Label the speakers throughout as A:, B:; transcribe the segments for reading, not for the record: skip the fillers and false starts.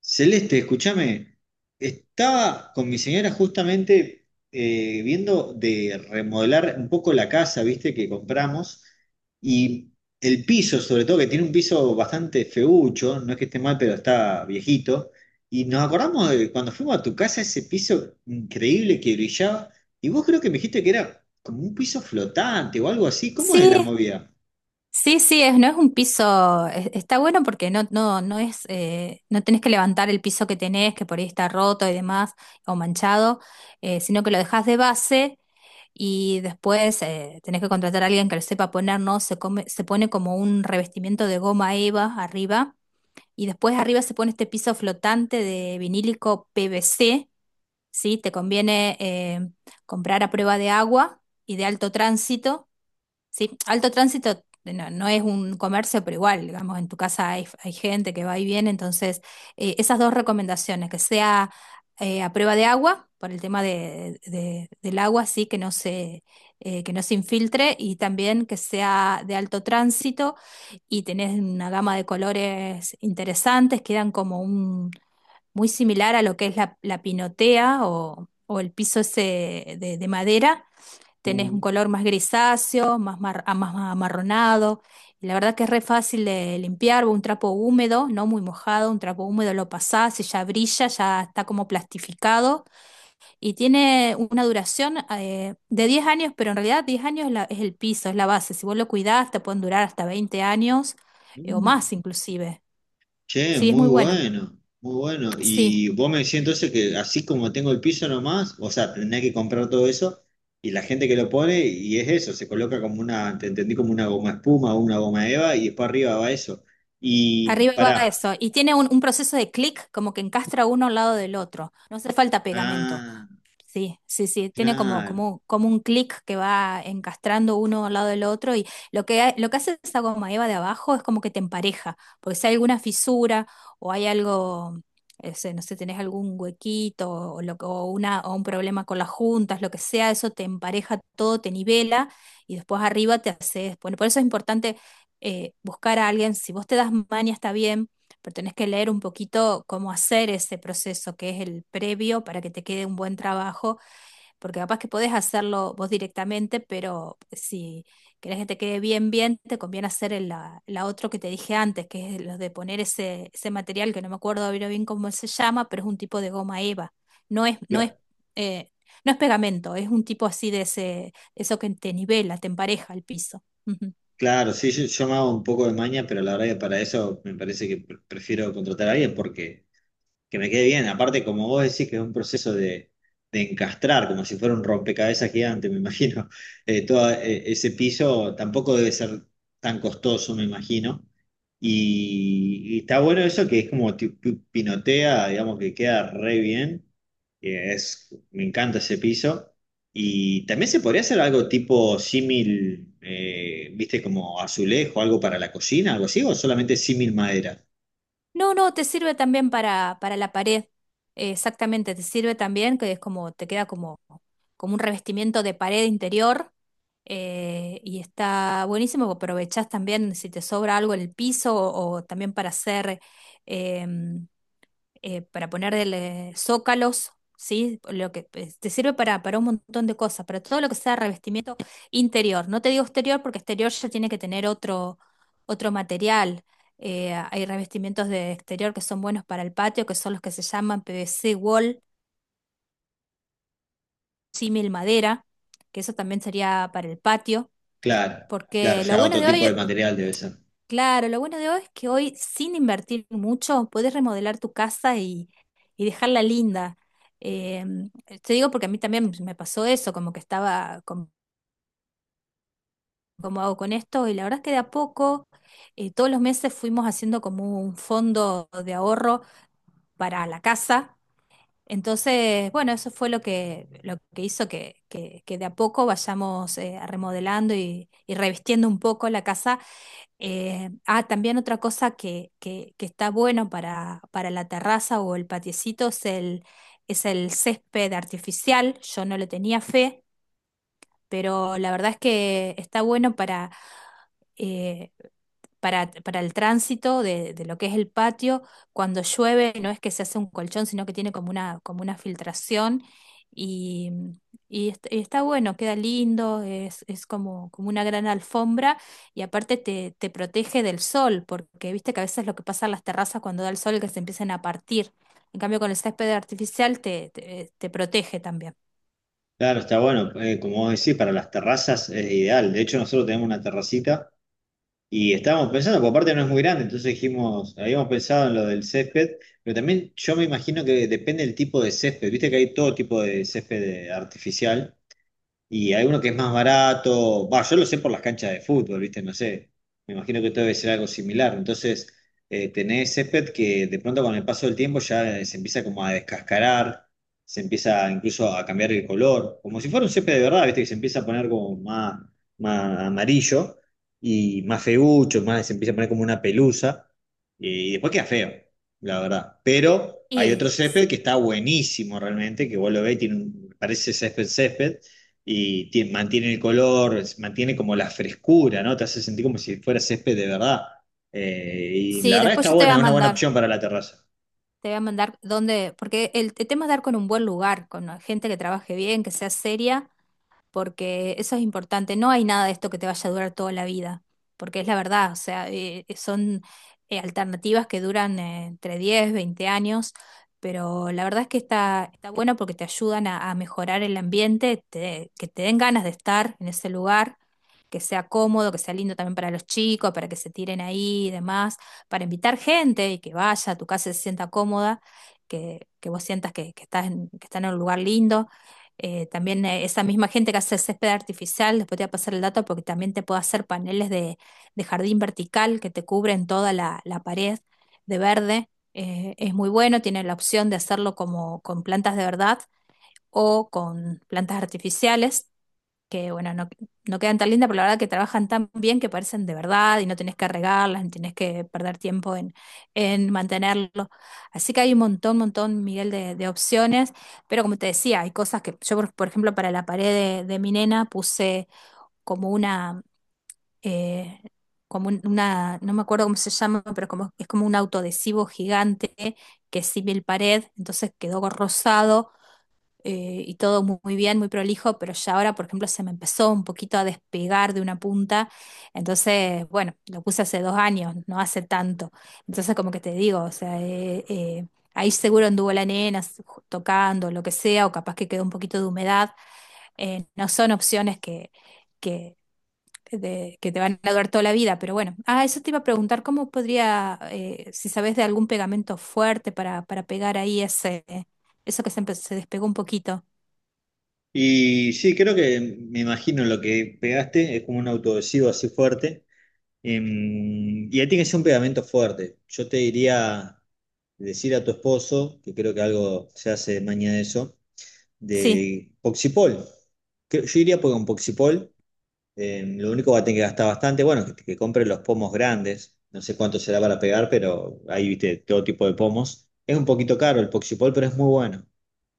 A: Celeste, escúchame, estaba con mi señora justamente viendo de remodelar un poco la casa, viste, que compramos, y el piso, sobre todo, que tiene un piso bastante feucho. No es que esté mal, pero está viejito, y nos acordamos de cuando fuimos a tu casa, ese piso increíble que brillaba, y vos creo que me dijiste que era como un piso flotante o algo así. ¿Cómo es la
B: Sí,
A: movida?
B: sí, sí, no es un piso, está bueno porque no es, no tenés que levantar el piso que tenés, que por ahí está roto y demás, o manchado. Sino que lo dejás de base y después tenés que contratar a alguien que lo sepa poner, ¿no? Se pone como un revestimiento de goma eva arriba, y después arriba se pone este piso flotante de vinílico PVC, ¿sí? Te conviene comprar a prueba de agua y de alto tránsito. Sí, alto tránsito, no, no es un comercio, pero igual, digamos, en tu casa hay, hay gente que va y viene, entonces esas dos recomendaciones, que sea a prueba de agua, por el tema del agua, sí, que no se infiltre, y también que sea de alto tránsito. Y tenés una gama de colores interesantes, quedan como un, muy similar a lo que es la pinotea o el piso ese de madera. Tenés un color más grisáceo, más, más amarronado. Y la verdad que es re fácil de limpiar, un trapo húmedo, no muy mojado, un trapo húmedo lo pasás y ya brilla, ya está como plastificado y tiene una duración de 10 años, pero en realidad 10 años es, es el piso, es la base. Si vos lo cuidás, te pueden durar hasta 20 años o
A: Mm.
B: más inclusive.
A: Che,
B: Sí, es
A: muy
B: muy bueno.
A: bueno, muy bueno.
B: Sí.
A: Y vos me decís entonces que así como tengo el piso nomás, o sea, tenés que comprar todo eso y la gente que lo pone, y es eso, se coloca como una, te entendí como una goma espuma o una goma eva, y después arriba va eso. Y
B: Arriba va
A: pará,
B: eso. Y tiene un proceso de clic, como que encastra uno al lado del otro. No hace falta pegamento.
A: ah,
B: Sí, sí, sí, tiene como,
A: claro,
B: como, como un clic que va encastrando uno al lado del otro, y lo que, lo que hace esa goma eva de abajo es como que te empareja, porque si hay alguna fisura o hay algo, sé, no sé, tenés algún huequito o, lo, que- o una, o un problema con las juntas, lo que sea, eso te empareja todo, te nivela. Y después arriba te haces, bueno, por eso es importante buscar a alguien, si vos te das maña está bien, pero tenés que leer un poquito cómo hacer ese proceso, que es el previo para que te quede un buen trabajo, porque capaz que podés hacerlo vos directamente, pero si querés que te quede bien, bien, te conviene hacer la otro que te dije antes, que es lo de poner ese material, que no me acuerdo ahora bien cómo se llama, pero es un tipo de goma eva. No es, no es,
A: cla-
B: eh, no es pegamento, es un tipo así de ese, eso que te nivela, te empareja el piso. Ujú.
A: claro, sí, yo me hago un poco de maña, pero la verdad que para eso me parece que prefiero contratar a alguien porque... que me quede bien. Aparte, como vos decís, que es un proceso de encastrar, como si fuera un rompecabezas gigante, me imagino. Todo ese piso tampoco debe ser tan costoso, me imagino. Y está bueno eso, que es como pinotea, digamos que queda re bien. Que es, me encanta ese piso. Y también se podría hacer algo tipo símil, viste, como azulejo, algo para la cocina, algo así, o solamente símil madera.
B: No, no, te sirve también para la pared. Exactamente, te sirve también, que es como, te queda como, como un revestimiento de pared interior. Y está buenísimo, aprovechás también si te sobra algo en el piso o, también para hacer, em, para ponerle zócalos, ¿sí? Lo que pues, te sirve para un montón de cosas, para todo lo que sea revestimiento interior. No te digo exterior porque exterior ya tiene que tener otro material. Hay revestimientos de exterior que son buenos para el patio, que son los que se llaman PVC wall, símil madera, que eso también sería para el patio,
A: Claro, claro,
B: porque lo
A: ya
B: bueno
A: otro
B: de
A: tipo de
B: hoy.
A: material debe ser.
B: Claro, lo bueno de hoy es que hoy, sin invertir mucho, puedes remodelar tu casa y dejarla linda. Te digo porque a mí también me pasó eso, como que estaba, como, como hago con esto? Y la verdad es que de a poco, todos los meses fuimos haciendo como un fondo de ahorro para la casa. Entonces, bueno, eso fue lo que hizo que, que de a poco vayamos remodelando y revistiendo un poco la casa. También otra cosa que está bueno para la terraza o el patiecito es el césped artificial. Yo no le tenía fe, pero la verdad es que está bueno eh, para el tránsito de lo que es el patio. Cuando llueve no es que se hace un colchón, sino que tiene como una filtración y, y está bueno, queda lindo, es como, como una gran alfombra, y aparte te, te protege del sol, porque viste que a veces lo que pasa en las terrazas cuando da el sol es que se empiezan a partir. En cambio, con el césped artificial te, te protege también.
A: Claro, está bueno, como vos decís, para las terrazas es ideal. De hecho, nosotros tenemos una terracita y estábamos pensando, porque aparte no es muy grande, entonces dijimos, habíamos pensado en lo del césped, pero también yo me imagino que depende del tipo de césped. Viste que hay todo tipo de césped artificial. Y hay uno que es más barato. Va, yo lo sé por las canchas de fútbol, ¿viste? No sé. Me imagino que esto debe ser algo similar. Entonces, tenés césped que de pronto con el paso del tiempo ya se empieza como a descascarar, se empieza incluso a cambiar el color, como si fuera un césped de verdad, ¿viste? Que se empieza a poner como más, más amarillo y más feucho, más, se empieza a poner como una pelusa. Y después queda feo, la verdad. Pero hay
B: Y
A: otro
B: s-
A: césped que está buenísimo realmente, que vos lo ves, y parece césped césped y mantiene el color, mantiene como la frescura, ¿no? Te hace sentir como si fuera césped de verdad. Y la
B: sí,
A: verdad
B: después
A: está
B: yo te voy
A: buena,
B: a
A: es una buena
B: mandar.
A: opción para la terraza.
B: Te voy a mandar dónde, porque el tema es dar con un buen lugar, con gente que trabaje bien, que sea seria, porque eso es importante. No hay nada de esto que te vaya a durar toda la vida, porque es la verdad, o sea, son alternativas que duran entre 10 20 años, pero la verdad es que está, está bueno porque te ayudan a mejorar el ambiente, que te den ganas de estar en ese lugar. Que sea cómodo, que sea lindo también para los chicos, para que se tiren ahí y demás, para invitar gente y que vaya a tu casa y se sienta cómoda, que vos sientas que estás en un lugar lindo. También esa misma gente que hace césped artificial, después te voy a pasar el dato porque también te puede hacer paneles de jardín vertical que te cubren toda la pared de verde. Es muy bueno, tiene la opción de hacerlo como con plantas de verdad o con plantas artificiales, que bueno, no, no quedan tan lindas, pero la verdad que trabajan tan bien que parecen de verdad y no tenés que regarlas, ni tenés que perder tiempo en mantenerlo. Así que hay un montón, montón, Miguel, de opciones, pero como te decía, hay cosas que yo, por ejemplo, para la pared de mi nena puse como una... eh, Como una, no me acuerdo cómo se llama, pero como, es como un autoadhesivo gigante que es símil pared, entonces quedó rosado. Y todo muy bien, muy prolijo, pero ya ahora, por ejemplo, se me empezó un poquito a despegar de una punta, entonces, bueno, lo puse hace 2 años, no hace tanto, entonces como que te digo, o sea, ahí seguro anduvo la nena tocando, lo que sea, o capaz que quedó un poquito de humedad. No son opciones que, que te van a durar toda la vida, pero bueno, ah, eso te iba a preguntar, ¿cómo podría, si sabes de algún pegamento fuerte para pegar ahí ese... eso que se, se despegó un poquito?
A: Y sí, creo que me imagino lo que pegaste, es como un autoadhesivo así fuerte. Y ahí tiene que ser un pegamento fuerte. Yo te diría decir a tu esposo, que creo que algo se hace mañana de eso,
B: Sí,
A: de Poxipol. Que- yo diría, porque con Poxipol, lo único que va a tener que gastar bastante, bueno, que compre los pomos grandes. No sé cuánto será para pegar, pero ahí viste todo tipo de pomos. Es un poquito caro el Poxipol, pero es muy bueno.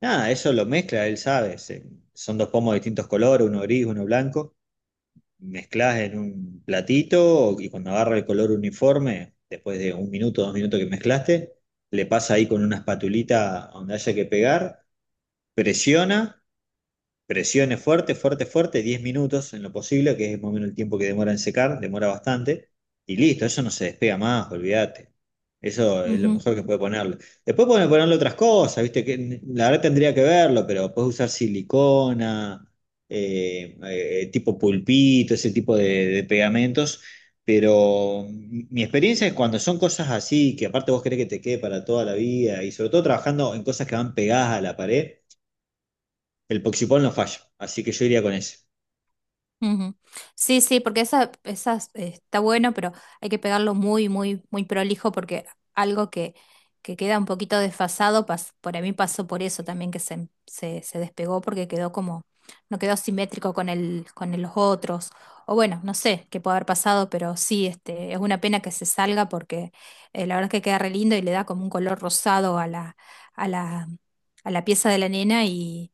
A: Nada, eso lo mezcla, él sabe. Se- son dos pomos de distintos colores, uno gris, uno blanco. Mezclas en un platito y cuando agarra el color uniforme, después de un minuto, dos minutos que mezclaste, le pasa ahí con una espatulita a donde haya que pegar, presiona. Presione fuerte, fuerte, fuerte, 10 minutos en lo posible, que es más o menos el tiempo que demora en secar, demora bastante, y listo, eso no se despega más, olvídate. Eso es lo
B: ujú,
A: mejor que puede ponerle. Después pueden ponerle otras cosas, ¿viste? Que, la verdad tendría que verlo, pero puedes usar silicona, tipo pulpito, ese tipo de pegamentos. Pero mi experiencia es cuando son cosas así, que aparte vos querés que te quede para toda la vida, y sobre todo trabajando en cosas que van pegadas a la pared, el Poxipol no falla, así que yo iría con ese.
B: ujú. Sí, sí, porque esa, esas está bueno, pero hay que pegarlo muy, muy, muy prolijo, porque algo que queda un poquito desfasado, por mí pasó por eso también, que se, se despegó porque quedó como, no quedó simétrico con el, los otros. O bueno, no sé qué puede haber pasado, pero sí, este, es una pena que se salga porque la verdad es que queda re lindo y le da como un color rosado a la, a la, a la pieza de la nena. Y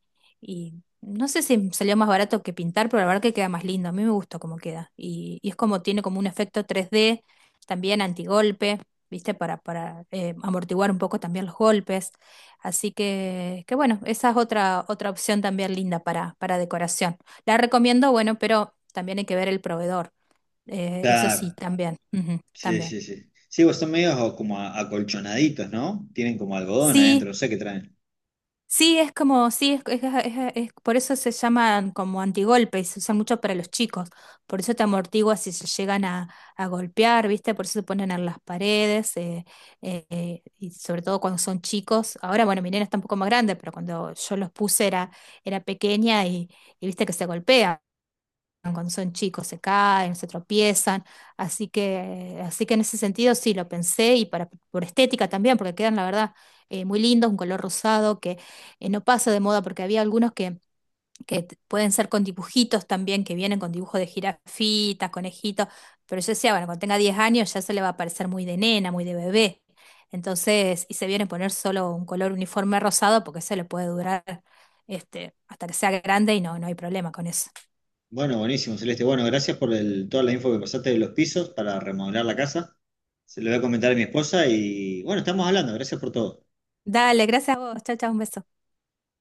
B: no sé si salió más barato que pintar, pero la verdad que queda más lindo. A mí me gusta cómo queda. Y es como tiene como un efecto 3D, también antigolpe, ¿viste? Para amortiguar un poco también los golpes. Así que bueno, esa es otra, otra opción también linda para decoración. La recomiendo, bueno, pero también hay que ver el proveedor. Eso sí,
A: Claro,
B: también. Ujú,
A: sí,
B: también.
A: sí, sí. Sí, pues son medios como acolchonaditos, ¿no? Tienen como algodón
B: Sí,
A: adentro, no sé qué traen.
B: sí, es como, sí, es, por eso se llaman como antigolpes, se usan mucho para los chicos, por eso te amortigua si se llegan a golpear, ¿viste? Por eso se ponen en las paredes, y sobre todo cuando son chicos. Ahora, bueno, mi nena está un poco más grande, pero cuando yo los puse era, era pequeña y viste que se golpea cuando son chicos, se caen, se tropiezan, así que en ese sentido sí lo pensé y para, por estética también, porque quedan la verdad muy lindos, un color rosado que no pasa de moda, porque había algunos que, pueden ser con dibujitos también, que vienen con dibujos de jirafitas, conejitos, pero yo decía, bueno, cuando tenga 10 años ya se le va a parecer muy de nena, muy de bebé, entonces, y se viene a poner solo un color uniforme rosado porque se le puede durar este, hasta que sea grande y no, no hay problema con eso.
A: Bueno, buenísimo, Celeste. Bueno, gracias por el- toda la info que pasaste de los pisos para remodelar la casa. Se lo voy a comentar a mi esposa y bueno, estamos hablando. Gracias por todo.
B: Dale, gracias a vos. Chao, chao, un beso.